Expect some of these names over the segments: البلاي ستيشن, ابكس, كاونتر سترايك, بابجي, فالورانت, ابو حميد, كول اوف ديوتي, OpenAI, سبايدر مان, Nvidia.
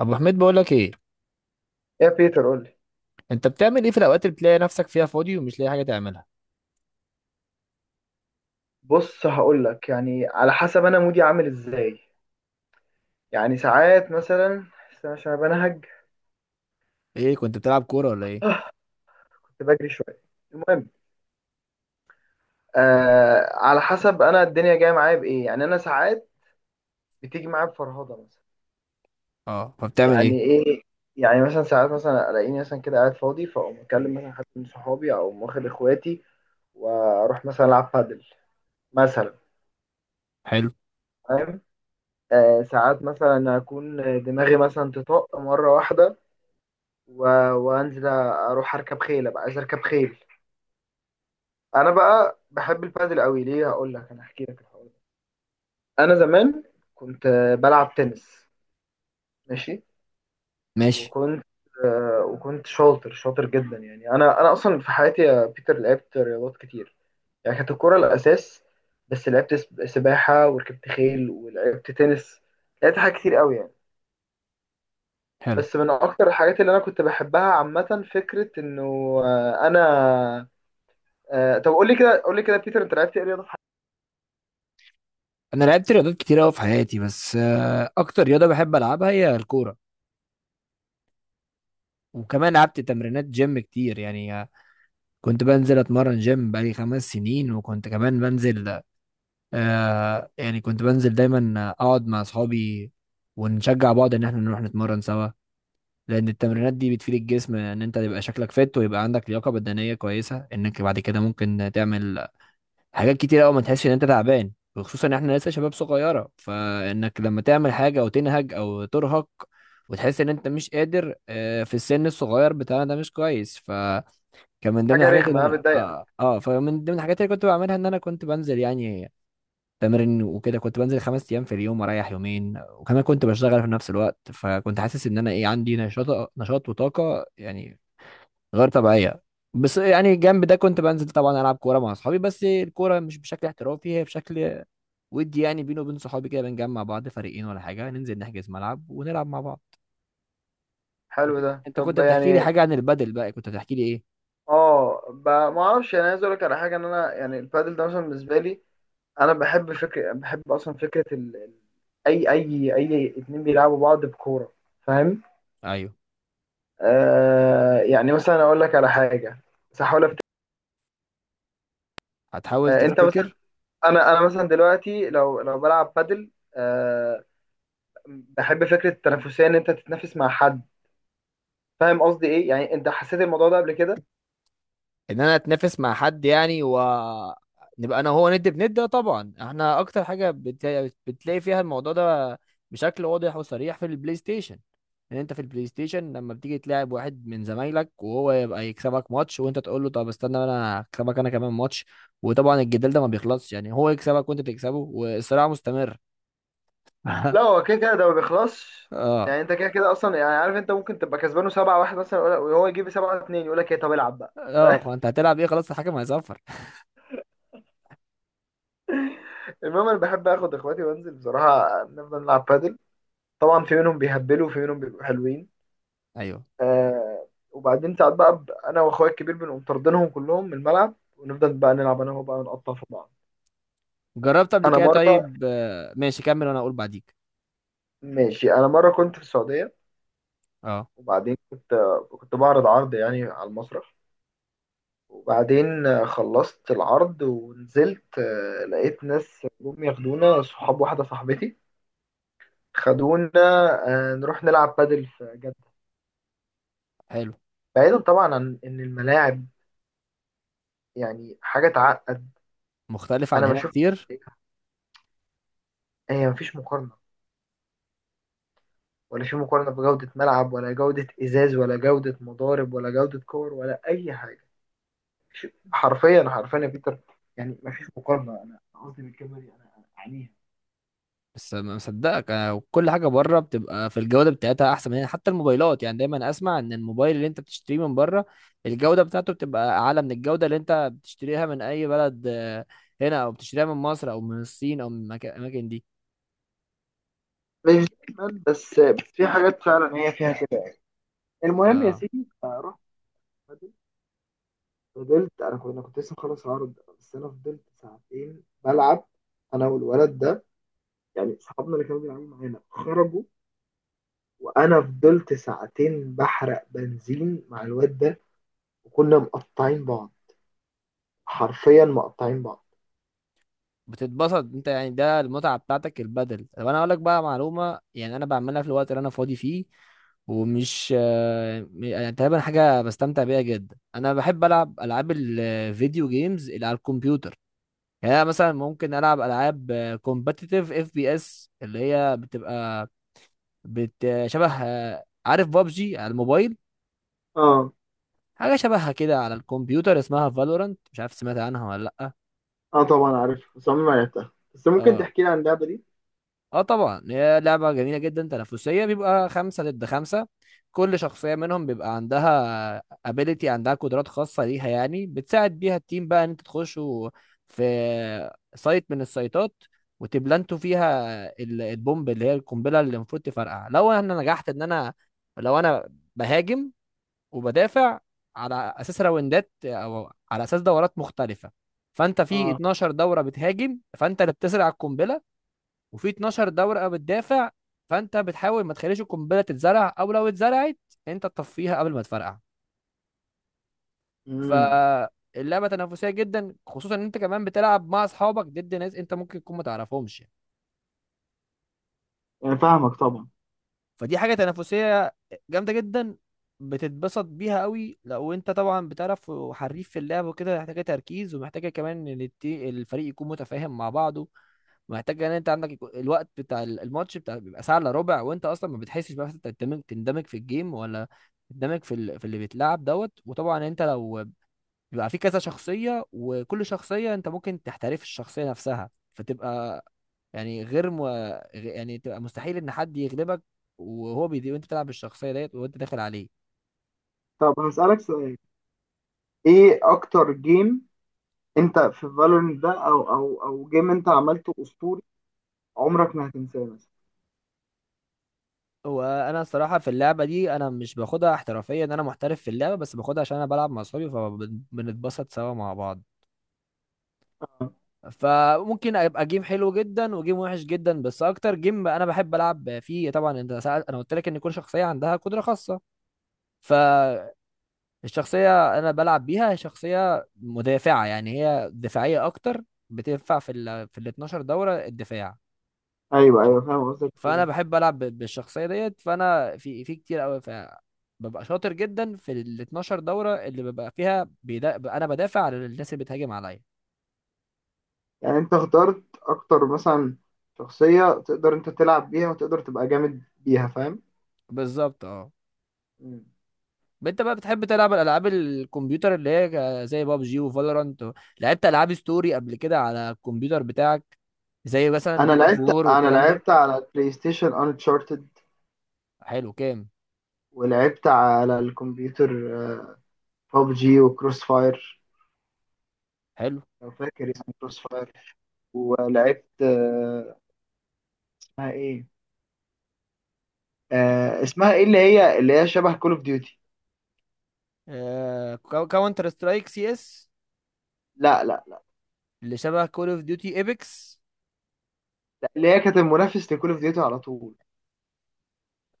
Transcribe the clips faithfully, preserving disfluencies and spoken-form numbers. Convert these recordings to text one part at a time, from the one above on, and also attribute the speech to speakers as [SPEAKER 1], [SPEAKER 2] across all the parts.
[SPEAKER 1] ابو حميد بقول لك ايه.
[SPEAKER 2] يا بيتر، قول لي.
[SPEAKER 1] انت بتعمل ايه في الاوقات اللي بتلاقي نفسك فيها فاضي ومش لاقي حاجه تعملها؟
[SPEAKER 2] بص، هقول لك يعني على حسب انا مودي عامل ازاي. يعني ساعات مثلا، استنى عشان بنهج.
[SPEAKER 1] ايه، كنت بتلعب كوره ولا ايه؟
[SPEAKER 2] كنت بجري شويه. المهم، آه على حسب انا الدنيا جايه معايا بايه، يعني انا ساعات بتيجي معايا بفرهضه مثلا.
[SPEAKER 1] اه، فبتعمل ايه؟
[SPEAKER 2] يعني ايه؟ يعني مثلا ساعات، مثلا الاقيني مثلا كده قاعد فاضي، فاقوم اكلم مثلا حد من صحابي او واخد اخواتي واروح مثلا العب بادل مثلا.
[SPEAKER 1] حلو.
[SPEAKER 2] فاهم؟ آه ساعات مثلا اكون دماغي مثلا تطق مره واحده، و... وانزل اروح اركب خيل، ابقى عايز اركب خيل. انا بقى بحب البادل قوي، ليه؟ هقول لك، انا هحكي لك الحوار ده. انا زمان كنت آه، بلعب تنس. ماشي.
[SPEAKER 1] ماشي.
[SPEAKER 2] وكنت آه، وكنت شاطر شاطر جدا. يعني انا انا اصلا في حياتي يا بيتر لعبت رياضات كتير. يعني كانت الكوره الاساس، بس لعبت سب- سباحه وركبت خيل ولعبت تنس. لعبت حاجات كتير قوي يعني.
[SPEAKER 1] حلو.
[SPEAKER 2] بس من اكتر الحاجات اللي انا كنت بحبها عامه فكره انه، آه، انا آه، طب قول لي كده، قول لي كده بيتر، انت لعبت ايه رياضه؟
[SPEAKER 1] انا لعبت رياضات كتير قوي في حياتي، بس آه، اكتر رياضه بحب العبها هي الكوره. وكمان لعبت تمرينات جيم كتير، يعني آه، كنت بنزل اتمرن جيم بقالي خمس سنين. وكنت كمان بنزل، آه يعني كنت بنزل دايما، آه، اقعد مع اصحابي ونشجع بعض ان احنا نروح نتمرن سوا، لان
[SPEAKER 2] مم.
[SPEAKER 1] التمرينات دي بتفيد الجسم، ان انت تبقى شكلك فت ويبقى عندك لياقه بدنيه كويسه، انك بعد كده ممكن تعمل حاجات كتير قوي ما تحسش ان انت تعبان. وخصوصا ان احنا لسه شباب صغيره، فانك لما تعمل حاجه او تنهج او ترهق وتحس ان انت مش قادر آه، في السن الصغير بتاعنا ده مش كويس. فكان من ضمن
[SPEAKER 2] حاجه
[SPEAKER 1] الحاجات اللي
[SPEAKER 2] رخمه آه،
[SPEAKER 1] انا
[SPEAKER 2] بتضايقك؟
[SPEAKER 1] اه, آه فمن ضمن الحاجات اللي كنت بعملها ان انا كنت بنزل يعني تمرين وكده. كنت بنزل خمس ايام في اليوم واريح يومين، وكمان كنت بشتغل في نفس الوقت، فكنت حاسس ان انا ايه، عندي نشاط نشاط وطاقه يعني غير طبيعيه. بس يعني جنب ده كنت بنزل طبعا العب كوره مع اصحابي، بس الكوره مش بشكل احترافي، هي بشكل ودي، يعني بيني وبين صحابي كده، بنجمع بعض فريقين ولا حاجه، ننزل نحجز ملعب ونلعب مع بعض.
[SPEAKER 2] حلو ده.
[SPEAKER 1] انت
[SPEAKER 2] طب
[SPEAKER 1] كنت
[SPEAKER 2] يعني.
[SPEAKER 1] بتحكي لي حاجه عن البدل بقى، كنت بتحكي لي ايه؟
[SPEAKER 2] اه. ب... ما اعرفش، يعني عايز اقول لك على حاجه، ان انا يعني البادل ده مثلا بالنسبه لي، انا بحب فكره، بحب اصلا فكره ال... ال- اي اي اي اتنين بيلعبوا بعض بكوره. فاهم؟
[SPEAKER 1] ايوه.
[SPEAKER 2] آه يعني مثلا اقول لك على حاجه. بس هحاول أفت...
[SPEAKER 1] هتحاول
[SPEAKER 2] آه انت مثلا،
[SPEAKER 1] تفتكر.
[SPEAKER 2] انا انا مثلا دلوقتي لو لو بلعب بادل، آه بحب فكره التنافسيه، ان انت تتنافس مع حد. فاهم قصدي ايه؟ يعني انت حسيت الموضوع ده قبل كده؟
[SPEAKER 1] ان انا اتنافس مع حد يعني، و نبقى انا وهو ند بند؟ ده طبعا احنا اكتر حاجه بت... بتلاقي فيها الموضوع ده بشكل واضح وصريح في البلاي ستيشن. ان انت في البلاي ستيشن لما بتيجي تلاعب واحد من زمايلك وهو يبقى يكسبك ماتش، وانت تقول له طب استنى انا هكسبك انا كمان ماتش. وطبعا الجدال ده ما بيخلصش، يعني هو يكسبك وانت تكسبه والصراع مستمر.
[SPEAKER 2] لا، هو كده كده ده ما بيخلصش.
[SPEAKER 1] اه.
[SPEAKER 2] يعني انت كده كده اصلا، يعني عارف، انت ممكن تبقى كسبانه سبعه واحد مثلا ولا- وهو يجيب سبعه اتنين يقول لك ايه طب العب بقى.
[SPEAKER 1] اه، انت هتلعب ايه، خلاص الحكم هيصفر.
[SPEAKER 2] المهم، انا بحب اخد اخواتي وانزل بصراحه نفضل نلعب بادل. طبعا في منهم بيهبلوا وفي منهم بيبقوا حلوين.
[SPEAKER 1] ايوه.
[SPEAKER 2] آه وبعدين ساعات بقى، ب- انا واخويا الكبير بنقوم طاردينهم كلهم من الملعب ونفضل بقى نلعب انا وهو بقى، نقطع في بعض.
[SPEAKER 1] جربت قبل
[SPEAKER 2] انا
[SPEAKER 1] كده؟
[SPEAKER 2] مره
[SPEAKER 1] طيب آه، ماشي، كمل وانا اقول بعديك.
[SPEAKER 2] ماشي. انا مره كنت في السعوديه،
[SPEAKER 1] اه.
[SPEAKER 2] وبعدين كنت كنت بعرض عرض يعني على المسرح، وبعدين آه، خلصت العرض ونزلت، آه، لقيت ناس جم ياخدونا، صحاب واحدة صاحبتي خدونا آه، نروح نلعب بادل في جدة.
[SPEAKER 1] حلو.
[SPEAKER 2] بعيدا طبعا عن إن الملاعب يعني حاجة تعقد.
[SPEAKER 1] مختلف عن
[SPEAKER 2] أنا
[SPEAKER 1] هنا
[SPEAKER 2] بشوف
[SPEAKER 1] كتير.
[SPEAKER 2] هي مفيش مقارنة، ولا في مقارنة بجودة ملعب ولا جودة إزاز ولا جودة مضارب ولا جودة كور ولا أي حاجة. ش- حرفيا حرفيا يا بيتر، يعني مفيش مقارنة. أنا قصدي بالكلمة دي، أنا أنا أعنيها.
[SPEAKER 1] بس ما مصدقك، أنا وكل حاجه بره بتبقى في الجوده بتاعتها احسن من هنا. حتى الموبايلات يعني، دايما اسمع ان الموبايل اللي انت بتشتريه من بره الجوده بتاعته بتبقى اعلى من الجوده اللي انت بتشتريها من اي بلد آه، هنا، او بتشتريها من مصر او من الصين او من المكا- الاماكن دي.
[SPEAKER 2] مش دايما، بس بس في حاجات فعلا هي فيها كده. المهم يا
[SPEAKER 1] آه.
[SPEAKER 2] سيدي، فرحت بدل. فضلت، انا كنت أنا كنت لسه مخلص العرض، بس انا فضلت ساعتين بلعب، انا والولد ده. يعني صحابنا اللي كانوا بيلعبوا معانا خرجوا، وانا فضلت ساعتين بحرق بنزين مع الواد ده. وكنا مقطعين بعض، حرفيا مقطعين بعض.
[SPEAKER 1] بتتبسط انت يعني، ده المتعه بتاعتك البدل. طب انا اقول لك بقى معلومه، يعني انا بعملها في الوقت اللي انا فاضي فيه ومش آه، م- يعني تقريبا حاجه بستمتع بيها جدا. انا بحب العب العاب الفيديو جيمز اللي على الكمبيوتر. يعني انا مثلا ممكن العب العاب كومبتيتيف اف بي اس، اللي هي بتبقى بت شبه آه، عارف بابجي على الموبايل؟
[SPEAKER 2] اه.
[SPEAKER 1] حاجه شبهها كده على الكمبيوتر اسمها فالورانت، مش عارف سمعت عنها ولا لا.
[SPEAKER 2] اه، طبعا عارف، بس عمري ما لعبتها. بس ممكن
[SPEAKER 1] اه.
[SPEAKER 2] تحكي لي عن اللعبة دي؟
[SPEAKER 1] اه طبعا، هي لعبة جميلة جدا تنافسية، بيبقى خمسة ضد خمسة. كل شخصية منهم بيبقى عندها ability، عندها قدرات خاصة ليها يعني بتساعد بيها التيم بقى ان انت تخشوا في سايت من السايتات وتبلانتوا فيها ال- البومب، اللي هي القنبلة اللي المفروض تفرقع لو انا نجحت ان انا لو انا بهاجم وبدافع على اساس راوندات او على اساس دورات مختلفة. فانت في
[SPEAKER 2] اه.
[SPEAKER 1] اتناشر دورة بتهاجم، فانت اللي بتزرع القنبلة، وفي اتناشر دورقه بتدافع. فانت بتحاول ما تخليش القنبله تتزرع، او لو اتزرعت انت تطفيها قبل ما تفرقع.
[SPEAKER 2] امم
[SPEAKER 1] فاللعبه تنافسيه جدا، خصوصا ان انت كمان بتلعب مع اصحابك ضد ناس انت ممكن تكون ما تعرفهمش.
[SPEAKER 2] يعني فاهمك طبعا.
[SPEAKER 1] فدي حاجه تنافسيه جامده جدا، بتتبسط بيها قوي لو انت طبعا بتعرف وحريف في اللعب وكده. محتاجه تركيز، ومحتاجه كمان ان الت- الفريق يكون متفاهم مع بعضه. محتاج ان انت عندك يكون الوقت بتاع ال- الماتش بتاع بيبقى ساعه الا ربع، وانت اصلا ما بتحسش بقى انت تندمج تندمج في الجيم، ولا تندمج في ال... في اللي بيتلعب دوت. وطبعا انت لو بيبقى في كذا شخصيه، وكل شخصيه انت ممكن تحترف الشخصيه نفسها، فتبقى يعني غير م... غ- يعني تبقى مستحيل ان حد يغلبك وهو بيدي وانت بتلعب بالشخصيه ديت وانت داخل عليه.
[SPEAKER 2] طب هسألك سؤال، ايه اكتر جيم انت في فالورنت ده، او او او جيم انت عملته اسطوري عمرك ما هتنساه مثلا؟
[SPEAKER 1] وانا الصراحه في اللعبه دي انا مش باخدها احترافيا ان انا محترف في اللعبه، بس باخدها عشان انا بلعب مع اصحابي فبنتبسط سوا مع بعض. فممكن ابقى جيم حلو جدا وجيم وحش جدا. بس اكتر جيم انا بحب العب فيه، طبعا انت سأل، انا قلت لك ان كل شخصيه عندها قدره خاصه. فالشخصيه انا بلعب بيها هي شخصيه مدافعه، يعني هي دفاعيه اكتر، بتنفع في ال في ال اثنا عشر دوره الدفاع.
[SPEAKER 2] ايوه، ايوه، فاهم قصدك تقول
[SPEAKER 1] فانا
[SPEAKER 2] ايه.
[SPEAKER 1] بحب العب ب- بالشخصيه ديت، فانا في في كتير قوي ببقى شاطر جدا في ال اثنا عشر دوره اللي ببقى فيها بيدا... انا بدافع عن الناس اللي بتهاجم عليا.
[SPEAKER 2] يعني انت اخترت اكتر مثلا شخصيه تقدر انت تلعب بيها وتقدر تبقى جامد بيها. فاهم.
[SPEAKER 1] بالظبط اه.
[SPEAKER 2] مم.
[SPEAKER 1] انت بقى بتحب تلعب الالعاب الكمبيوتر اللي هي ك- زي بابجي وفالورانت؟ لعبت العاب ستوري قبل كده على الكمبيوتر بتاعك، زي مثلا
[SPEAKER 2] انا
[SPEAKER 1] جود اوف
[SPEAKER 2] لعبت
[SPEAKER 1] وور
[SPEAKER 2] انا
[SPEAKER 1] والكلام ده؟
[SPEAKER 2] لعبت على بلاي ستيشن انشارتد،
[SPEAKER 1] حلو كام.
[SPEAKER 2] ولعبت على الكمبيوتر ببجي وكروس فاير،
[SPEAKER 1] حلو.
[SPEAKER 2] لو فاكر اسمه كروس فاير. ولعبت آه، اسمها ايه آه، اسمها ايه، اللي هي اللي هي شبه كول اوف ديوتي.
[SPEAKER 1] آه. كاونتر سترايك، سي اس.
[SPEAKER 2] لا لا لا.
[SPEAKER 1] اللي شبه كول اوف ديوتي، ايبكس.
[SPEAKER 2] لا، اللي هي كانت المنافس لكول اوف ديوتي على طول.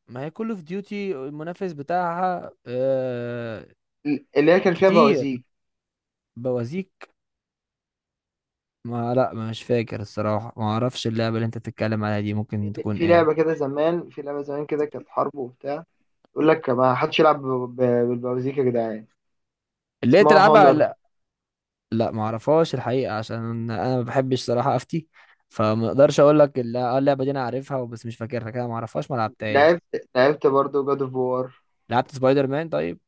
[SPEAKER 1] ما هي كول اوف ديوتي المنافس بتاعها. آه،
[SPEAKER 2] اللي هي كان فيها
[SPEAKER 1] كتير
[SPEAKER 2] بوازيك.
[SPEAKER 1] بوازيك. ما لا، مش فاكر الصراحة، ما اعرفش اللعبة اللي انت بتتكلم عليها دي،
[SPEAKER 2] في
[SPEAKER 1] ممكن تكون
[SPEAKER 2] في
[SPEAKER 1] ايه؟
[SPEAKER 2] لعبة كده زمان في لعبة زمان كده كانت حرب وبتاع. يقول لك ما حدش يلعب ب- ب- بالبوازيك يا جدعان.
[SPEAKER 1] اللي هي
[SPEAKER 2] اسمها
[SPEAKER 1] تلعبها؟
[SPEAKER 2] هونر.
[SPEAKER 1] لا، ما اعرفهاش الحقيقه، عشان انا ما بحبش صراحه افتي، فما اقدرش اقول لك الل- آه اللعبه دي انا عارفها بس مش فاكرها كده، ما اعرفهاش ما لعبتهاش.
[SPEAKER 2] لعبت لعبت برضه جاد اوف وار.
[SPEAKER 1] لعبت سبايدر مان طيب.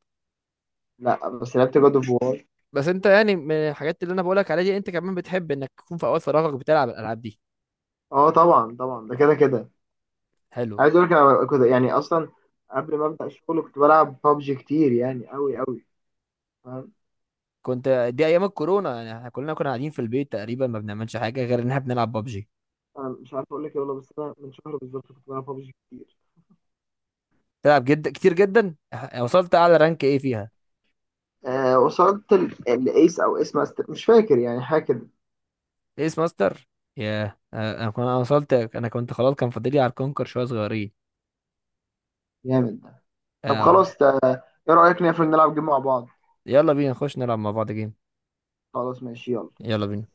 [SPEAKER 2] لا بس لعبت جاد اوف وار.
[SPEAKER 1] بس انت يعني من الحاجات اللي انا بقولك عليها دي، انت كمان بتحب انك تكون في اوقات فراغك بتلعب الالعاب دي.
[SPEAKER 2] اه طبعا طبعا، ده كده كده.
[SPEAKER 1] حلو.
[SPEAKER 2] عايز اقول لك، انا كنت يعني اصلا قبل ما ابدا الشغل كنت بلعب بابجي كتير، يعني قوي قوي. فاهم.
[SPEAKER 1] كنت. دي ايام الكورونا يعني، احنا كلنا كنا قاعدين في البيت، تقريبا ما بنعملش حاجه غير ان احنا بنلعب بابجي.
[SPEAKER 2] انا مش عارف اقول لك ايه والله، بس انا من شهر بالظبط كنت بلعب بابجي كتير.
[SPEAKER 1] تلعب جدا كتير جدا. اه، وصلت اعلى رانك ايه فيها؟
[SPEAKER 2] آه، وصلت ال- الايس او ايس ماستر، مش فاكر يعني، حاجه كده.
[SPEAKER 1] ايس ماستر؟ ياه. اه، انا كنت، انا وصلت، انا كنت خلاص كان فاضلي على الكونكر شويه صغيرين.
[SPEAKER 2] جامد ده. طب
[SPEAKER 1] آه،
[SPEAKER 2] خلاص، ده ايه رايك نقفل نلعب جيم مع بعض؟
[SPEAKER 1] يلا بينا نخش نلعب مع بعض جيم.
[SPEAKER 2] خلاص ماشي، يلا.
[SPEAKER 1] يلا بينا.